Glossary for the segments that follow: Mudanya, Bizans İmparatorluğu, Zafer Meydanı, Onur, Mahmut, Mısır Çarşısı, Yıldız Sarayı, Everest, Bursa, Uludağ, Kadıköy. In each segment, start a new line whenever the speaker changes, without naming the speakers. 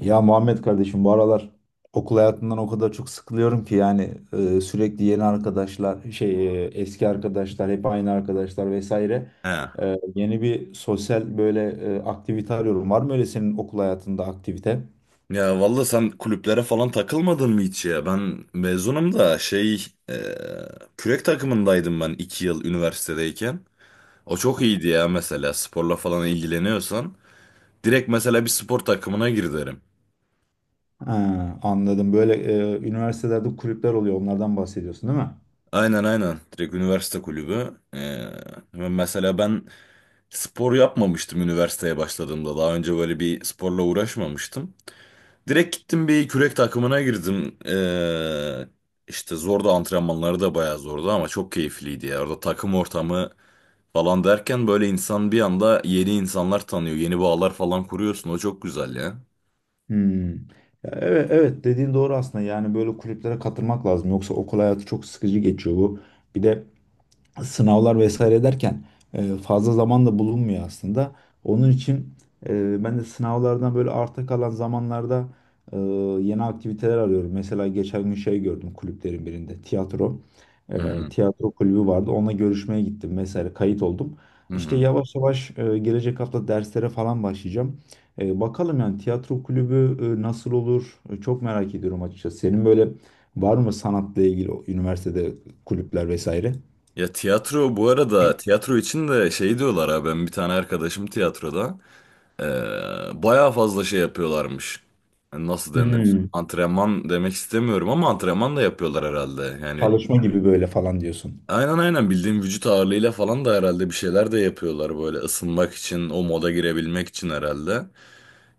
Ya Muhammed kardeşim bu aralar okul hayatından o kadar çok sıkılıyorum ki yani sürekli yeni arkadaşlar eski arkadaşlar hep aynı arkadaşlar vesaire.
He.
Yeni bir sosyal böyle aktivite arıyorum. Var mı öyle senin okul hayatında aktivite?
Ya valla, sen kulüplere falan takılmadın mı hiç ya? Ben mezunum da kürek takımındaydım ben 2 yıl üniversitedeyken. O çok iyiydi ya, mesela sporla falan ilgileniyorsan. Direkt mesela bir spor takımına gir derim.
Ha, anladım. Böyle üniversitelerde kulüpler oluyor. Onlardan bahsediyorsun değil mi?
Aynen, aynen, direkt üniversite kulübü. Ve mesela ben spor yapmamıştım üniversiteye başladığımda. Daha önce böyle bir sporla uğraşmamıştım. Direkt gittim, bir kürek takımına girdim. İşte zordu, antrenmanları da bayağı zordu ama çok keyifliydi ya. Orada takım ortamı falan derken böyle insan bir anda yeni insanlar tanıyor. Yeni bağlar falan kuruyorsun. O çok güzel ya.
Hmm. Ya evet, evet, dediğin doğru aslında. Yani böyle kulüplere katılmak lazım. Yoksa okul hayatı çok sıkıcı geçiyor bu. Bir de sınavlar vesaire derken fazla zaman da bulunmuyor aslında. Onun için ben de sınavlardan böyle arta kalan zamanlarda e, yeni aktiviteler arıyorum. Mesela geçen gün şey gördüm kulüplerin birinde tiyatro.
Hı
E,
hı.
Tiyatro kulübü vardı. Onunla görüşmeye gittim vesaire kayıt oldum.
Hı
İşte
hı.
yavaş yavaş gelecek hafta derslere falan başlayacağım. Bakalım yani tiyatro kulübü nasıl olur? Çok merak ediyorum açıkçası. Senin böyle var mı sanatla ilgili o üniversitede kulüpler vesaire?
Ya tiyatro, bu arada tiyatro için de şey diyorlar, ha, ben bir tane arkadaşım tiyatroda bayağı fazla şey yapıyorlarmış. Yani, nasıl denir?
Hmm,
Antrenman demek istemiyorum ama antrenman da yapıyorlar herhalde. Yani
Çalışma gibi böyle falan diyorsun.
aynen, aynen, bildiğim vücut ağırlığıyla falan da herhalde bir şeyler de yapıyorlar böyle, ısınmak için, o moda girebilmek için herhalde.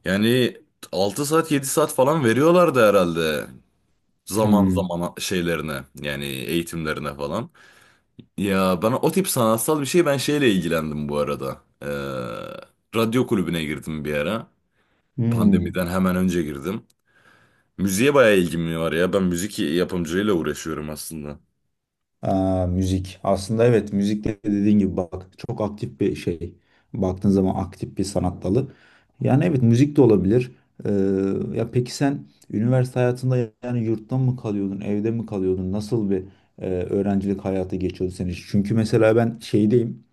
Yani 6 saat 7 saat falan veriyorlardı herhalde, zaman
Hmm,
zaman şeylerine, yani eğitimlerine falan. Ya bana o tip sanatsal bir şey, ben şeyle ilgilendim bu arada. Radyo kulübüne girdim bir ara,
hmm.
pandemiden hemen önce girdim. Müziğe bayağı ilgim var ya, ben müzik yapımcılığıyla uğraşıyorum aslında.
Aa, müzik. Aslında evet müzik de dediğin gibi bak çok aktif bir şey. Baktığın zaman aktif bir sanat dalı. Yani evet müzik de olabilir. Ya peki sen üniversite hayatında yani yurtta mı kalıyordun, evde mi kalıyordun? Nasıl bir öğrencilik hayatı geçiyordu senin için? Çünkü mesela ben şeydeyim.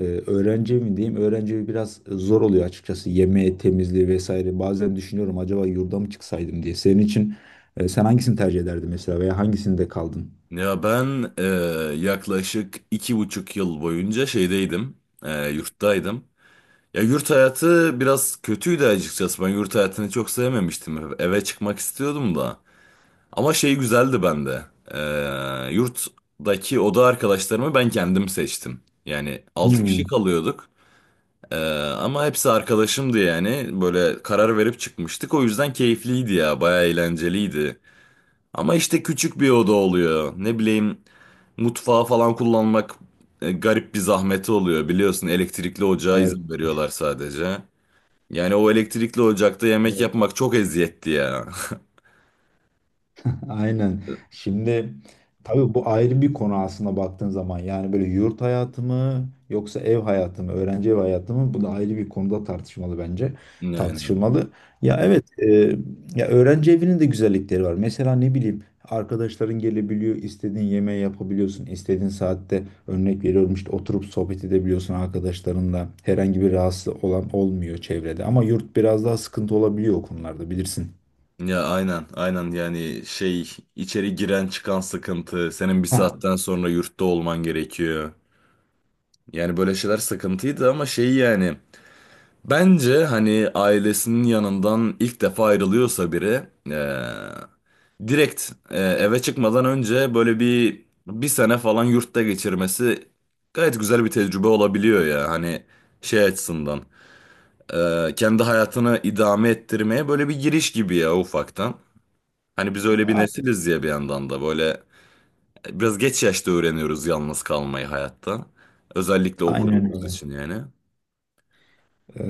Öğrenci mi diyeyim? Öğrenci evi biraz zor oluyor açıkçası. Yeme, temizliği vesaire. Bazen düşünüyorum acaba yurda mı çıksaydım diye. Senin için sen hangisini tercih ederdin mesela veya hangisinde kaldın?
Ya ben yaklaşık 2,5 yıl boyunca şeydeydim, yurttaydım. Ya yurt hayatı biraz kötüydü açıkçası. Ben yurt hayatını çok sevmemiştim. Eve çıkmak istiyordum da. Ama şey güzeldi bende. Yurttaki oda arkadaşlarımı ben kendim seçtim. Yani 6
Hmm,
kişi kalıyorduk. E, Ama hepsi arkadaşımdı yani. Böyle karar verip çıkmıştık. O yüzden keyifliydi ya. Bayağı eğlenceliydi. Ama işte küçük bir oda oluyor. Ne bileyim, mutfağı falan kullanmak garip bir zahmeti oluyor, biliyorsun. Elektrikli ocağa, evet,
evet.
izin veriyorlar sadece. Yani o elektrikli ocakta yemek yapmak çok eziyetli ya.
Aynen. Şimdi tabii bu ayrı bir konu aslında baktığın zaman. Yani böyle yurt hayatı mı yoksa ev hayatı mı, öğrenci ev hayatı mı? Bu da ayrı bir konuda tartışmalı bence.
Aynen.
Tartışılmalı. Ya evet, ya öğrenci evinin de güzellikleri var. Mesela ne bileyim arkadaşların gelebiliyor, istediğin yemeği yapabiliyorsun, istediğin saatte örnek veriyorum işte oturup sohbet edebiliyorsun arkadaşlarınla. Herhangi bir rahatsız olan olmuyor çevrede. Ama yurt biraz daha sıkıntı olabiliyor o konularda bilirsin.
Ya aynen, aynen, yani şey, içeri giren çıkan sıkıntı, senin bir
Ha,
saatten sonra yurtta olman gerekiyor. Yani böyle şeyler sıkıntıydı ama şey, yani, bence hani ailesinin yanından ilk defa ayrılıyorsa biri, direkt eve çıkmadan önce böyle bir sene falan yurtta geçirmesi gayet güzel bir tecrübe olabiliyor ya, hani şey açısından, kendi hayatını idame ettirmeye böyle bir giriş gibi ya, ufaktan. Hani biz öyle bir
a-
nesiliz ya, bir yandan da böyle biraz geç yaşta öğreniyoruz yalnız kalmayı hayatta, özellikle
aynen
okuduğumuz
öyle.
için yani.
Ee,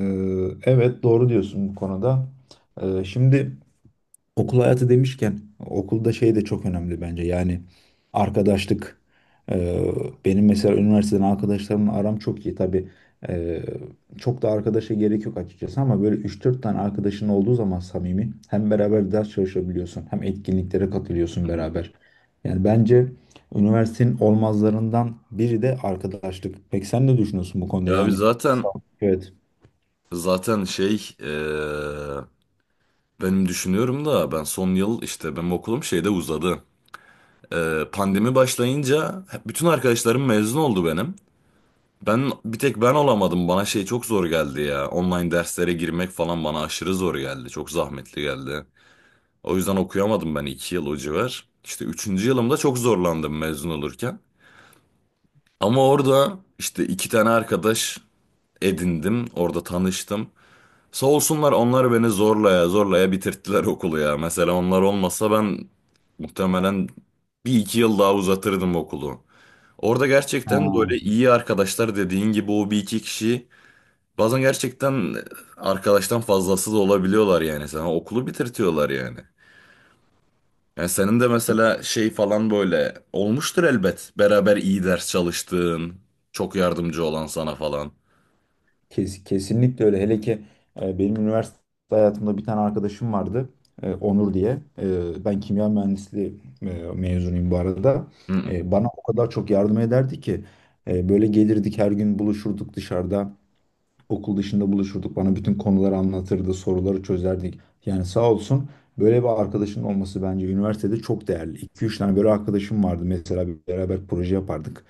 evet doğru diyorsun bu konuda. Şimdi okul hayatı demişken okulda şey de çok önemli bence. Yani arkadaşlık. Ee, Benim mesela üniversiteden arkadaşlarımla aram çok iyi. Tabii ee, çok da arkadaşa gerek yok açıkçası ama böyle üç dört tane arkadaşın olduğu zaman samimi hem beraber ders çalışabiliyorsun hem etkinliklere
Hı
katılıyorsun
hı.
beraber. Yani bence üniversitenin olmazlarından biri de arkadaşlık. Peki sen ne düşünüyorsun bu konuda?
Ya biz
Yani,
zaten,
sağ ol. Evet.
Zaten şey eee, benim düşünüyorum da, ben son yıl, işte benim okulum şeyde uzadı. Pandemi başlayınca bütün arkadaşlarım mezun oldu benim. Bir tek ben olamadım. Bana şey çok zor geldi ya. Online derslere girmek falan bana aşırı zor geldi. Çok zahmetli geldi. O yüzden okuyamadım ben 2 yıl o civar. İşte üçüncü yılımda çok zorlandım mezun olurken. Ama orada işte iki tane arkadaş edindim. Orada tanıştım. Sağ olsunlar, onlar beni zorlaya zorlaya bitirttiler okulu ya. Mesela onlar olmasa ben muhtemelen bir iki yıl daha uzatırdım okulu. Orada gerçekten böyle
Ha.
iyi arkadaşlar, dediğin gibi, o bir iki kişi bazen gerçekten arkadaştan fazlası da olabiliyorlar yani, sana okulu bitirtiyorlar yani. Yani senin de mesela şey falan böyle olmuştur elbet. Beraber iyi ders çalıştığın, çok yardımcı olan sana falan.
Kesinlikle öyle. Hele ki benim üniversite hayatımda bir tane arkadaşım vardı. Onur diye. Ben kimya mühendisliği mezunuyum bu arada.
Hı hı.
Bana o kadar çok yardım ederdi ki. Böyle gelirdik her gün buluşurduk dışarıda. Okul dışında buluşurduk. Bana bütün konuları anlatırdı, soruları çözerdik. Yani sağ olsun böyle bir arkadaşın olması bence üniversitede çok değerli. 2 üç tane böyle arkadaşım vardı. Mesela bir beraber proje yapardık.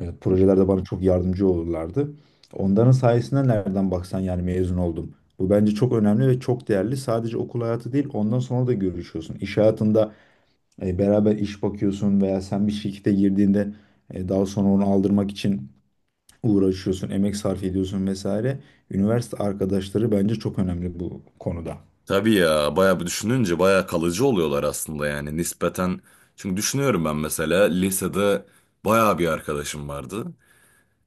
Projelerde bana çok yardımcı olurlardı. Onların sayesinde nereden baksan yani mezun oldum. Bu bence çok önemli ve çok değerli. Sadece okul hayatı değil, ondan sonra da görüşüyorsun. İş hayatında beraber iş bakıyorsun veya sen bir şirkete girdiğinde daha sonra onu aldırmak için uğraşıyorsun, emek sarf ediyorsun vesaire. Üniversite arkadaşları bence çok önemli bu konuda.
Tabii ya, bayağı bir düşününce bayağı kalıcı oluyorlar aslında yani, nispeten. Çünkü düşünüyorum, ben mesela lisede bayağı bir arkadaşım vardı.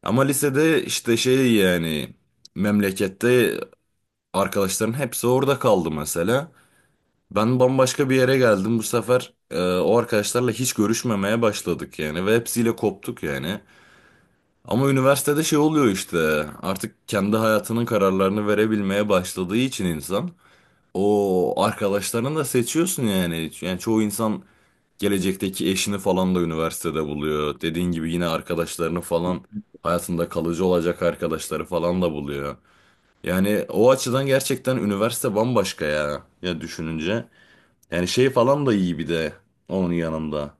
Ama lisede işte şey yani, memlekette arkadaşların hepsi orada kaldı mesela. Ben bambaşka bir yere geldim bu sefer, o arkadaşlarla hiç görüşmemeye başladık yani ve hepsiyle koptuk yani. Ama üniversitede şey oluyor işte, artık kendi hayatının kararlarını verebilmeye başladığı için insan. O arkadaşlarını da seçiyorsun yani. Yani çoğu insan gelecekteki eşini falan da üniversitede buluyor. Dediğin gibi yine arkadaşlarını falan, hayatında kalıcı olacak arkadaşları falan da buluyor. Yani o açıdan gerçekten üniversite bambaşka ya. Ya düşününce. Yani şey falan da iyi, bir de onun yanında.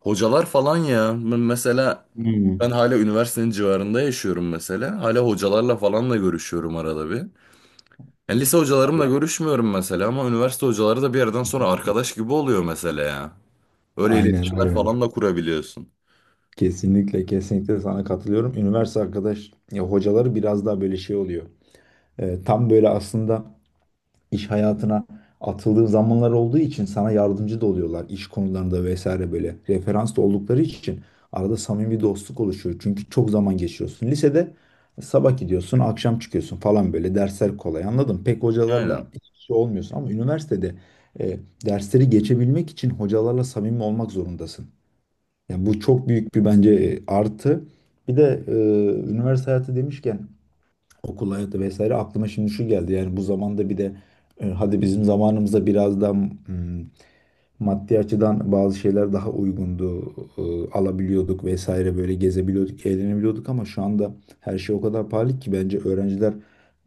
Hocalar falan ya. Mesela ben
Hmm.
hala üniversitenin civarında yaşıyorum mesela. Hala hocalarla falan da görüşüyorum arada bir. Ya lise hocalarımla görüşmüyorum mesela ama üniversite hocaları da bir yerden sonra arkadaş gibi oluyor mesela ya. Öyle
Aynen
iletişimler falan
aynen.
da kurabiliyorsun.
Kesinlikle kesinlikle sana katılıyorum. Üniversite arkadaş ya hocaları biraz daha böyle şey oluyor. Tam böyle aslında iş hayatına atıldığın zamanlar olduğu için sana yardımcı da oluyorlar iş konularında vesaire böyle referans da oldukları için arada samimi bir dostluk oluşuyor. Çünkü çok zaman geçiriyorsun. Lisede sabah gidiyorsun, akşam çıkıyorsun falan böyle dersler kolay. Anladım. Pek hocalarla
Aynen.
şey olmuyorsun ama üniversitede e, dersleri geçebilmek için hocalarla samimi olmak zorundasın. Yani bu çok büyük bir bence artı. Bir de üniversite hayatı demişken okul hayatı vesaire aklıma şimdi şu geldi. Yani bu zamanda bir de hadi bizim zamanımızda biraz daha maddi açıdan bazı şeyler daha uygundu. Alabiliyorduk vesaire böyle gezebiliyorduk, eğlenebiliyorduk ama şu anda her şey o kadar pahalı ki bence öğrenciler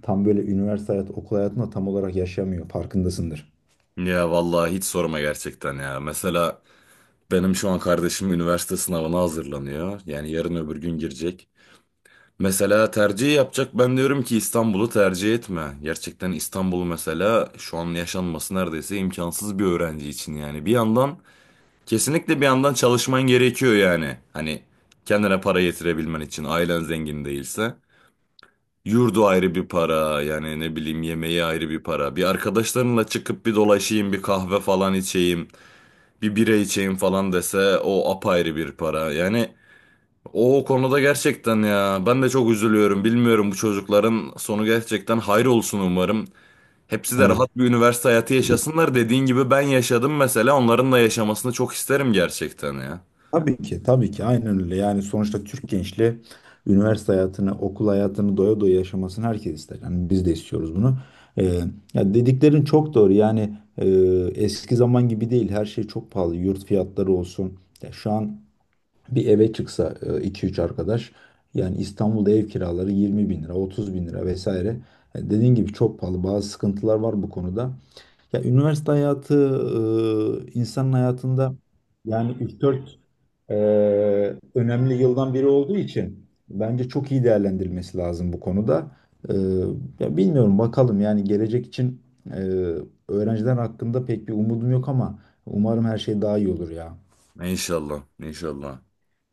tam böyle üniversite hayatı, okul hayatında tam olarak yaşamıyor. Farkındasındır.
Ya vallahi hiç sorma gerçekten ya. Mesela benim şu an kardeşim üniversite sınavına hazırlanıyor. Yani yarın öbür gün girecek. Mesela tercih yapacak. Ben diyorum ki İstanbul'u tercih etme. Gerçekten İstanbul mesela şu an yaşanması neredeyse imkansız bir öğrenci için yani. Bir yandan Kesinlikle bir yandan çalışman gerekiyor yani. Hani kendine para getirebilmen için, ailen zengin değilse. Yurdu ayrı bir para yani, ne bileyim, yemeği ayrı bir para. Bir, arkadaşlarınla çıkıp bir dolaşayım, bir kahve falan içeyim, bir bira içeyim falan dese, o apayrı bir para. Yani o konuda gerçekten ya, ben de çok üzülüyorum, bilmiyorum, bu çocukların sonu gerçekten hayır olsun umarım. Hepsi de
Evet.
rahat bir üniversite hayatı yaşasınlar, dediğin gibi ben yaşadım mesela, onların da yaşamasını çok isterim gerçekten ya.
Tabii ki, tabii ki. Aynen öyle. Yani sonuçta Türk gençliği üniversite hayatını, okul hayatını doya doya yaşamasını herkes ister. Yani biz de istiyoruz bunu. Ee, Ya dediklerin çok doğru. Yani eski zaman gibi değil. Her şey çok pahalı. Yurt fiyatları olsun. Ya şu an bir eve çıksa iki üç arkadaş yani İstanbul'da ev kiraları 20 bin lira, 30 bin lira vesaire. Dediğin gibi çok pahalı. Bazı sıkıntılar var bu konuda. Ya üniversite hayatı insanın hayatında yani üç dört e, önemli yıldan biri olduğu için bence çok iyi değerlendirilmesi lazım bu konuda. E, Ya bilmiyorum bakalım yani gelecek için e, öğrenciler hakkında pek bir umudum yok ama umarım her şey daha iyi olur ya.
İnşallah, inşallah.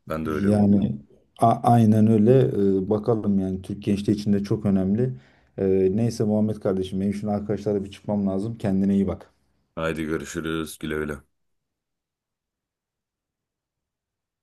Ben de öyle umuyorum.
Yani aynen öyle. Bakalım yani Türk gençliği için de çok önemli. Neyse Muhammed kardeşim benim şimdi arkadaşlarla bir çıkmam lazım. Kendine iyi bak.
Haydi görüşürüz. Güle güle.